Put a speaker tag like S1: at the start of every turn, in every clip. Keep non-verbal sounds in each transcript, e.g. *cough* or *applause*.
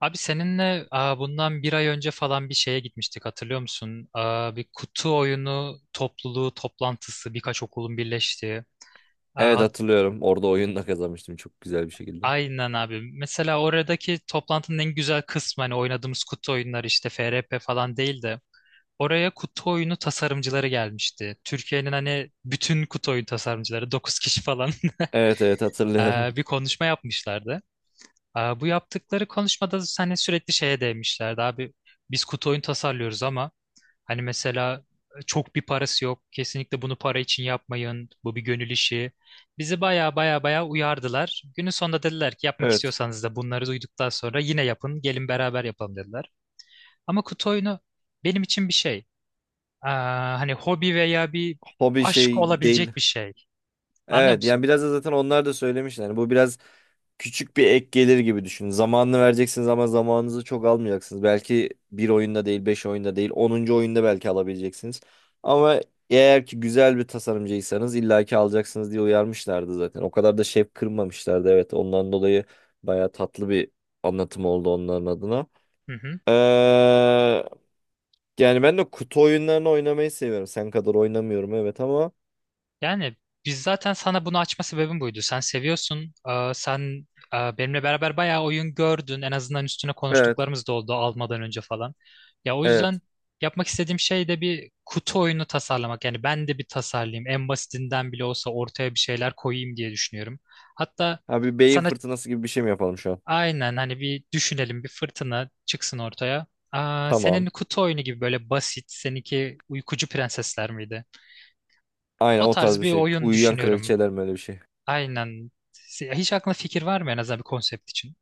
S1: Abi seninle bundan bir ay önce falan bir şeye gitmiştik hatırlıyor musun? Bir kutu oyunu topluluğu toplantısı birkaç okulun birleştiği. Aa,
S2: Evet
S1: hat-
S2: hatırlıyorum. Orada oyunla kazanmıştım çok güzel bir şekilde.
S1: aynen abi. Mesela oradaki toplantının en güzel kısmı hani oynadığımız kutu oyunları işte FRP falan değil de oraya kutu oyunu tasarımcıları gelmişti. Türkiye'nin hani bütün kutu oyun tasarımcıları 9 kişi falan.
S2: Evet
S1: *laughs*
S2: hatırlıyorum.
S1: Bir
S2: *laughs*
S1: konuşma yapmışlardı. Bu yaptıkları konuşmada hani sürekli şeye değmişlerdi abi. Biz kutu oyun tasarlıyoruz ama hani mesela çok bir parası yok. Kesinlikle bunu para için yapmayın. Bu bir gönül işi. Bizi baya baya baya uyardılar. Günün sonunda dediler ki yapmak
S2: Evet.
S1: istiyorsanız da bunları duyduktan sonra yine yapın. Gelin beraber yapalım dediler. Ama kutu oyunu benim için bir şey. Hani hobi veya bir
S2: Hobi
S1: aşk
S2: şey değil.
S1: olabilecek bir şey. Anlıyor
S2: Evet yani
S1: musun?
S2: biraz da zaten onlar da söylemişler. Yani bu biraz küçük bir ek gelir gibi düşünün. Zamanını vereceksiniz ama zamanınızı çok almayacaksınız. Belki bir oyunda değil, beş oyunda değil, onuncu oyunda belki alabileceksiniz. Ama eğer ki güzel bir tasarımcıysanız illaki alacaksınız diye uyarmışlardı zaten. O kadar da şef kırmamışlardı. Evet ondan dolayı baya tatlı bir anlatım oldu onların adına.
S1: Hı hı.
S2: Ee, Yani ben de kutu oyunlarını oynamayı seviyorum. Sen kadar oynamıyorum evet ama.
S1: Yani biz zaten sana bunu açma sebebim buydu. Sen seviyorsun. Sen benimle beraber bayağı oyun gördün. En azından üstüne
S2: Evet.
S1: konuştuklarımız da oldu almadan önce falan. Ya o
S2: Evet.
S1: yüzden yapmak istediğim şey de bir kutu oyunu tasarlamak. Yani ben de bir tasarlayayım. En basitinden bile olsa ortaya bir şeyler koyayım diye düşünüyorum. Hatta
S2: Abi beyin
S1: sana
S2: fırtınası gibi bir şey mi yapalım şu an?
S1: aynen hani bir düşünelim bir fırtına çıksın ortaya. Senin
S2: Tamam.
S1: kutu oyunu gibi böyle basit, seninki Uykucu Prensesler miydi?
S2: Aynen
S1: O
S2: o tarz
S1: tarz
S2: bir
S1: bir
S2: şey.
S1: oyun
S2: Uyuyan
S1: düşünüyorum.
S2: kraliçeler mi öyle bir şey?
S1: Aynen. Hiç aklına fikir var mı en azından bir konsept için?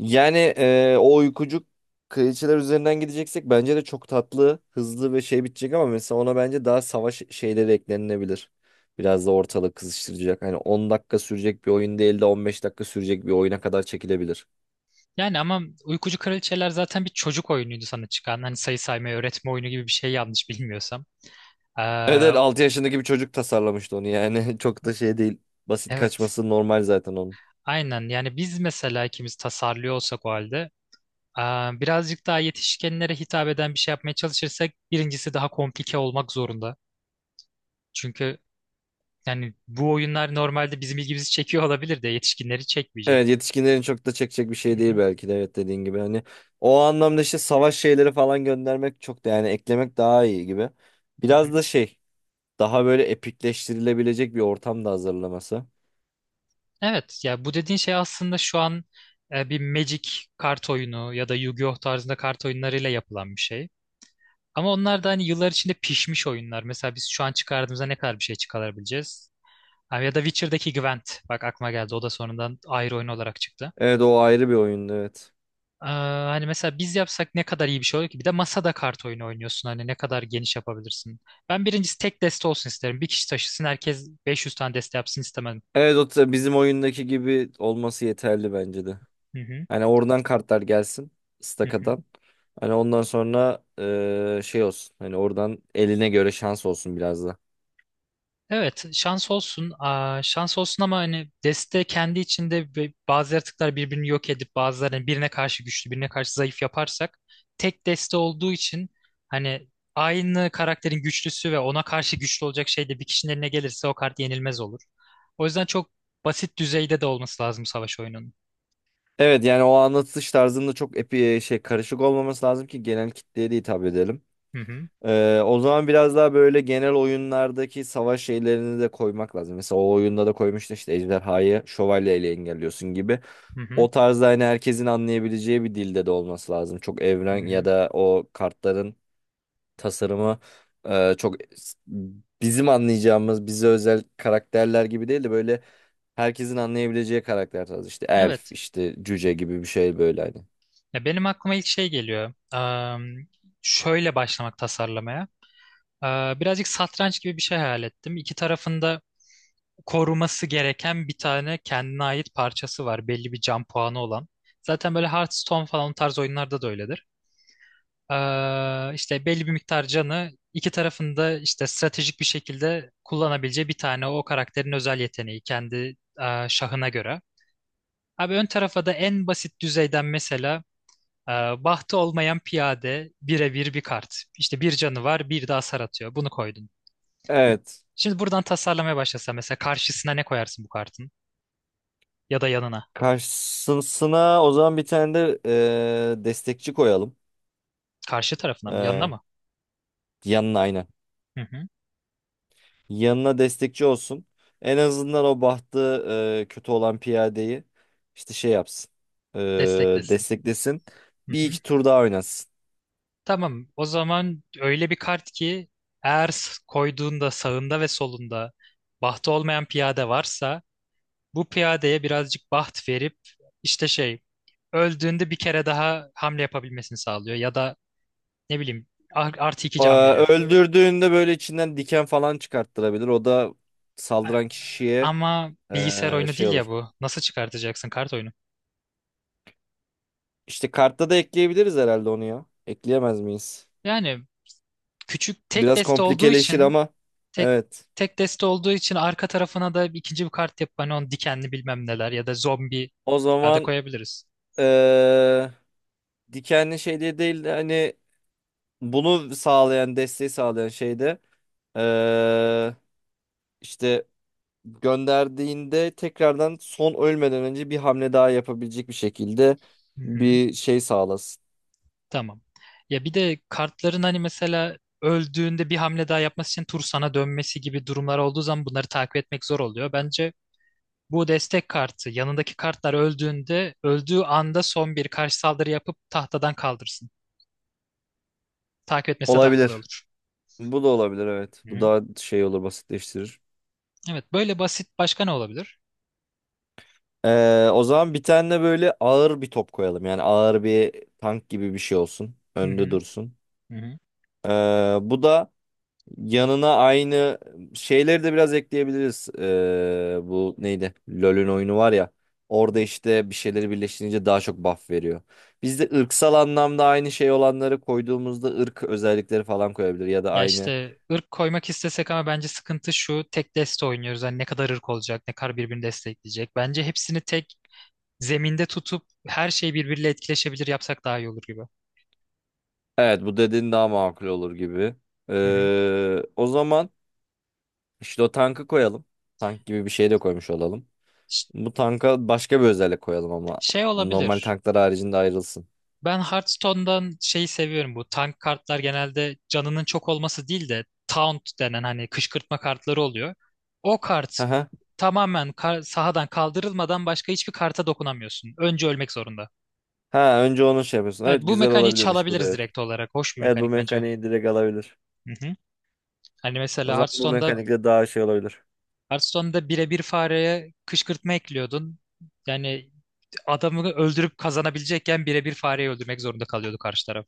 S2: Yani o uykucuk kraliçeler üzerinden gideceksek bence de çok tatlı, hızlı ve şey bitecek ama mesela ona bence daha savaş şeyleri eklenilebilir. Biraz da ortalık kızıştıracak. Hani 10 dakika sürecek bir oyun değil de 15 dakika sürecek bir oyuna kadar çekilebilir.
S1: Yani ama Uykucu Kraliçeler zaten bir çocuk oyunuydu sana çıkan. Hani sayı saymayı öğretme oyunu gibi bir şey yanlış bilmiyorsam. Ee,
S2: Evet, 6
S1: o-
S2: yaşındaki bir çocuk tasarlamıştı onu yani. *laughs* Çok da şey değil. Basit
S1: evet.
S2: kaçması normal zaten onun.
S1: Aynen. Yani biz mesela ikimiz tasarlıyor olsak o halde ee, birazcık daha yetişkinlere hitap eden bir şey yapmaya çalışırsak birincisi daha komplike olmak zorunda. Çünkü yani bu oyunlar normalde bizim ilgimizi çekiyor olabilir de yetişkinleri
S2: Evet
S1: çekmeyecek.
S2: yetişkinlerin çok da çekecek bir şey
S1: Hı
S2: değil
S1: hı,
S2: belki de evet dediğin gibi. Hani o anlamda işte savaş şeyleri falan göndermek çok da yani eklemek daha iyi gibi.
S1: hı
S2: Biraz
S1: hı.
S2: da şey daha böyle epikleştirilebilecek bir ortam da hazırlaması.
S1: Evet ya bu dediğin şey aslında şu an bir Magic kart oyunu ya da Yu-Gi-Oh tarzında kart oyunlarıyla yapılan bir şey. Ama onlar da hani yıllar içinde pişmiş oyunlar. Mesela biz şu an çıkardığımızda ne kadar bir şey çıkarabileceğiz? Ha, ya da Witcher'daki Gwent. Bak aklıma geldi. O da sonradan ayrı oyun olarak çıktı.
S2: Evet o ayrı bir oyundu evet.
S1: Hani mesela biz yapsak ne kadar iyi bir şey olur ki? Bir de masada kart oyunu oynuyorsun. Hani ne kadar geniş yapabilirsin. Ben birincisi tek deste olsun isterim. Bir kişi taşısın herkes 500 tane deste yapsın istemem.
S2: Evet o ta- bizim oyundaki gibi olması yeterli bence de.
S1: Hı hı,
S2: Hani oradan kartlar gelsin
S1: hı hı.
S2: stakadan. Hani ondan sonra şey olsun. Hani oradan eline göre şans olsun biraz da.
S1: Evet, şans olsun. Şans olsun ama hani deste kendi içinde bazı yaratıklar birbirini yok edip bazılarını birine karşı güçlü, birine karşı zayıf yaparsak tek deste olduğu için hani aynı karakterin güçlüsü ve ona karşı güçlü olacak şey de bir kişinin eline gelirse o kart yenilmez olur. O yüzden çok basit düzeyde de olması lazım savaş oyununun.
S2: Evet yani o anlatış tarzında çok epi şey karışık olmaması lazım ki genel kitleye de hitap edelim.
S1: Hı hı,
S2: O zaman biraz daha böyle genel oyunlardaki savaş şeylerini de koymak lazım. Mesela o oyunda da koymuştu işte ejderhayı şövalyeyle engelliyorsun gibi.
S1: hı hı,
S2: O tarzda hani herkesin anlayabileceği bir dilde de olması lazım. Çok
S1: hı
S2: evren ya
S1: hı.
S2: da o kartların tasarımı çok bizim anlayacağımız bize özel karakterler gibi değil de böyle herkesin anlayabileceği karakter tarzı. İşte elf,
S1: Evet.
S2: işte cüce gibi bir şey böyle hani.
S1: Ya benim aklıma ilk şey geliyor. Şöyle başlamak tasarlamaya. Birazcık satranç gibi bir şey hayal ettim. İki tarafında koruması gereken bir tane kendine ait parçası var. Belli bir can puanı olan. Zaten böyle Hearthstone falan o tarz oyunlarda da öyledir. İşte belli bir miktar canı iki tarafında işte stratejik bir şekilde kullanabileceği bir tane o karakterin özel yeteneği kendi şahına göre. Abi ön tarafa da en basit düzeyden mesela e, bahtı olmayan piyade birebir bir kart. İşte bir canı var bir de hasar atıyor. Bunu koydun.
S2: Evet.
S1: Şimdi buradan tasarlamaya başlasa mesela karşısına ne koyarsın bu kartın? Ya da yanına.
S2: Karşısına o zaman bir tane de destekçi koyalım.
S1: Karşı tarafına mı? Yanına
S2: E,
S1: mı?
S2: Yanına aynen.
S1: Hı hı.
S2: Yanına destekçi olsun. En azından o bahtı kötü olan piyadeyi işte şey yapsın. E,
S1: Desteklesin.
S2: Desteklesin.
S1: Hı
S2: Bir
S1: hı.
S2: iki tur daha oynasın.
S1: Tamam. O zaman öyle bir kart ki eğer koyduğunda sağında ve solunda bahtı olmayan piyade varsa bu piyadeye birazcık baht verip işte şey öldüğünde bir kere daha hamle yapabilmesini sağlıyor ya da ne bileyim artı iki can veriyor.
S2: Öldürdüğünde böyle içinden diken falan çıkarttırabilir. O da
S1: A-
S2: saldıran kişiye
S1: Ama bilgisayar oyunu
S2: şey
S1: değil ya
S2: olur.
S1: bu. Nasıl çıkartacaksın kart oyunu?
S2: İşte kartta da ekleyebiliriz herhalde onu ya. Ekleyemez miyiz?
S1: Yani küçük tek
S2: Biraz
S1: deste olduğu
S2: komplikeleşir
S1: için
S2: ama
S1: tek
S2: evet.
S1: tek deste olduğu için arka tarafına da ikinci bir kart yapıp hani onu dikenli bilmem neler ya da zombi
S2: O
S1: piyade
S2: zaman
S1: koyabiliriz.
S2: eee, dikenli şey diye değil de hani bunu sağlayan, desteği sağlayan şeyde eee işte gönderdiğinde tekrardan son ölmeden önce bir hamle daha yapabilecek bir şekilde
S1: Hı hı,
S2: bir şey sağlasın.
S1: tamam. Ya bir de kartların hani mesela öldüğünde bir hamle daha yapması için tur sana dönmesi gibi durumlar olduğu zaman bunları takip etmek zor oluyor. Bence bu destek kartı yanındaki kartlar öldüğünde öldüğü anda son bir karşı saldırı yapıp tahtadan kaldırsın. Takip etmesi de daha kolay
S2: Olabilir.
S1: olur.
S2: Bu da olabilir evet. Bu
S1: Hı.
S2: daha şey olur basitleştirir.
S1: Evet böyle basit başka ne olabilir?
S2: O zaman bir tane de böyle ağır bir top koyalım. Yani ağır bir tank gibi bir şey olsun.
S1: Hı
S2: Önde
S1: hı.
S2: dursun.
S1: Hı hı.
S2: Bu da yanına aynı şeyleri de biraz ekleyebiliriz. Bu neydi? LoL'ün oyunu var ya. Orada işte bir şeyleri birleştirince daha çok buff veriyor. Biz de ırksal anlamda aynı şey olanları koyduğumuzda ırk özellikleri falan koyabilir. Ya da
S1: Ya
S2: aynı.
S1: işte ırk koymak istesek ama bence sıkıntı şu tek deste oynuyoruz. Hani ne kadar ırk olacak, ne kadar birbirini destekleyecek. Bence hepsini tek zeminde tutup her şey birbiriyle etkileşebilir yapsak daha iyi olur gibi.
S2: Evet bu dediğin daha makul olur gibi.
S1: Hı hı.
S2: O zaman... İşte o tankı koyalım. Tank gibi bir şey de koymuş olalım.
S1: Ş-
S2: Bu tanka başka bir özellik koyalım ama
S1: Şey
S2: normal
S1: olabilir.
S2: tanklar haricinde ayrılsın.
S1: Ben Hearthstone'dan şeyi seviyorum bu. Tank kartlar genelde canının çok olması değil de taunt denen hani kışkırtma kartları oluyor. O kart
S2: Aha.
S1: tamamen sahadan kaldırılmadan başka hiçbir karta dokunamıyorsun. Önce ölmek zorunda.
S2: Ha önce onu şey yapıyorsun.
S1: Evet
S2: Evet
S1: bu
S2: güzel
S1: mekaniği
S2: olabilirmiş bu da
S1: çalabiliriz
S2: evet.
S1: direkt olarak. Hoş bir
S2: Evet bu
S1: mekanik bence.
S2: mekaniği direkt alabilir.
S1: Hı hı. Hani
S2: O
S1: mesela
S2: zaman bu
S1: Hearthstone'da
S2: mekanikle daha şey olabilir.
S1: Hearthstone'da birebir fareye kışkırtma ekliyordun. Yani adamı öldürüp kazanabilecekken birebir fareyi öldürmek zorunda kalıyordu karşı taraf.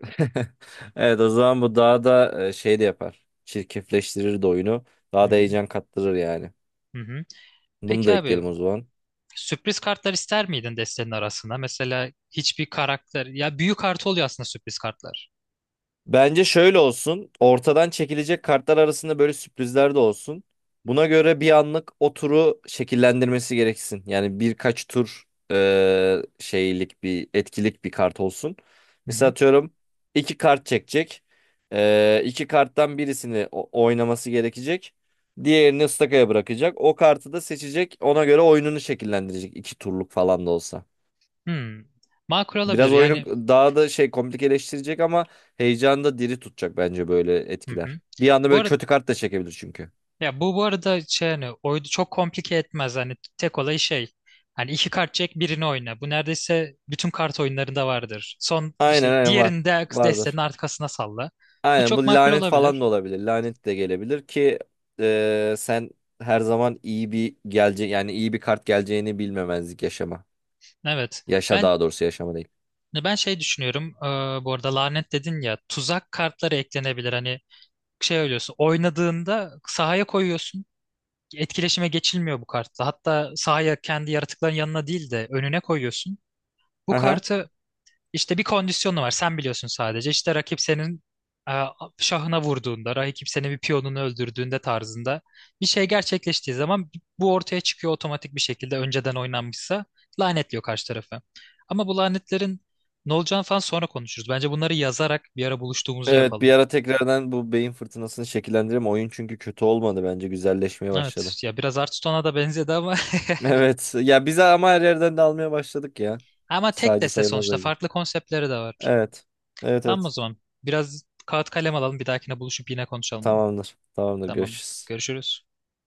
S2: *laughs* Evet o zaman bu daha da şey de yapar. Çirkefleştirir de oyunu.
S1: Hı
S2: Daha da
S1: hı.
S2: heyecan kattırır yani.
S1: Hı hı.
S2: Bunu
S1: Peki
S2: da
S1: abi
S2: ekleyelim o zaman.
S1: sürpriz kartlar ister miydin destenin arasına? Mesela hiçbir karakter ya büyük kartı oluyor aslında sürpriz kartlar.
S2: Bence şöyle olsun. Ortadan çekilecek kartlar arasında böyle sürprizler de olsun. Buna göre bir anlık o turu şekillendirmesi gereksin. Yani birkaç tur şeylik bir etkilik bir kart olsun.
S1: Hı
S2: Mesela
S1: hı.
S2: atıyorum iki kart çekecek. İki karttan birisini o- oynaması gerekecek. Diğerini ıstakaya bırakacak. O kartı da seçecek. Ona göre oyununu şekillendirecek. İki turluk falan da olsa.
S1: Hmm. Makul olabilir
S2: Biraz
S1: yani.
S2: oyunu daha da şey komplikeleştirecek ama heyecanı da diri tutacak bence böyle
S1: Hı
S2: etkiler.
S1: hı.
S2: Bir anda
S1: Bu
S2: böyle
S1: arada
S2: kötü kart da çekebilir çünkü.
S1: Ya bu arada şey hani oyunu çok komplike etmez. Hani tek olay şey. Hani iki kart çek birini oyna. Bu neredeyse bütün kart oyunlarında vardır. Son
S2: Aynen
S1: işte
S2: aynen var.
S1: diğerini de destenin
S2: Vardır.
S1: arkasına salla. Bu
S2: Aynen bu
S1: çok makul
S2: lanet falan da
S1: olabilir.
S2: olabilir. Lanet de gelebilir ki sen her zaman iyi bir gelecek yani iyi bir kart geleceğini bilmemezlik yaşama.
S1: Evet.
S2: Yaşa
S1: Ben
S2: daha doğrusu yaşama değil.
S1: ben şey düşünüyorum. Bu arada lanet dedin ya tuzak kartları eklenebilir. Hani şey ölüyorsun. Oynadığında sahaya koyuyorsun. Etkileşime geçilmiyor bu kartla. Hatta sahaya kendi yaratıkların yanına değil de önüne koyuyorsun. Bu
S2: Aha.
S1: kartı İşte bir kondisyonu var. Sen biliyorsun sadece. İşte rakip senin e, şahına vurduğunda, rakip senin bir piyonunu öldürdüğünde tarzında bir şey gerçekleştiği zaman bu ortaya çıkıyor otomatik bir şekilde önceden oynanmışsa lanetliyor karşı tarafı. Ama bu lanetlerin ne olacağını falan sonra konuşuruz. Bence bunları yazarak bir ara buluştuğumuzda
S2: Evet bir
S1: yapalım.
S2: ara tekrardan bu beyin fırtınasını şekillendirelim. Oyun çünkü kötü olmadı bence güzelleşmeye başladı.
S1: Evet ya biraz Hearthstone'a da benzedi ama
S2: Evet. Ya bize ama her yerden de almaya başladık ya.
S1: *laughs* ama tek
S2: Sadece
S1: deste
S2: sayılmaz
S1: sonuçta
S2: bence.
S1: farklı konseptleri de var.
S2: Evet. Evet
S1: Tamam o
S2: evet.
S1: zaman biraz kağıt kalem alalım bir dahakine buluşup yine konuşalım bunu.
S2: Tamamdır. Tamamdır.
S1: Tamam
S2: Görüşürüz.
S1: görüşürüz.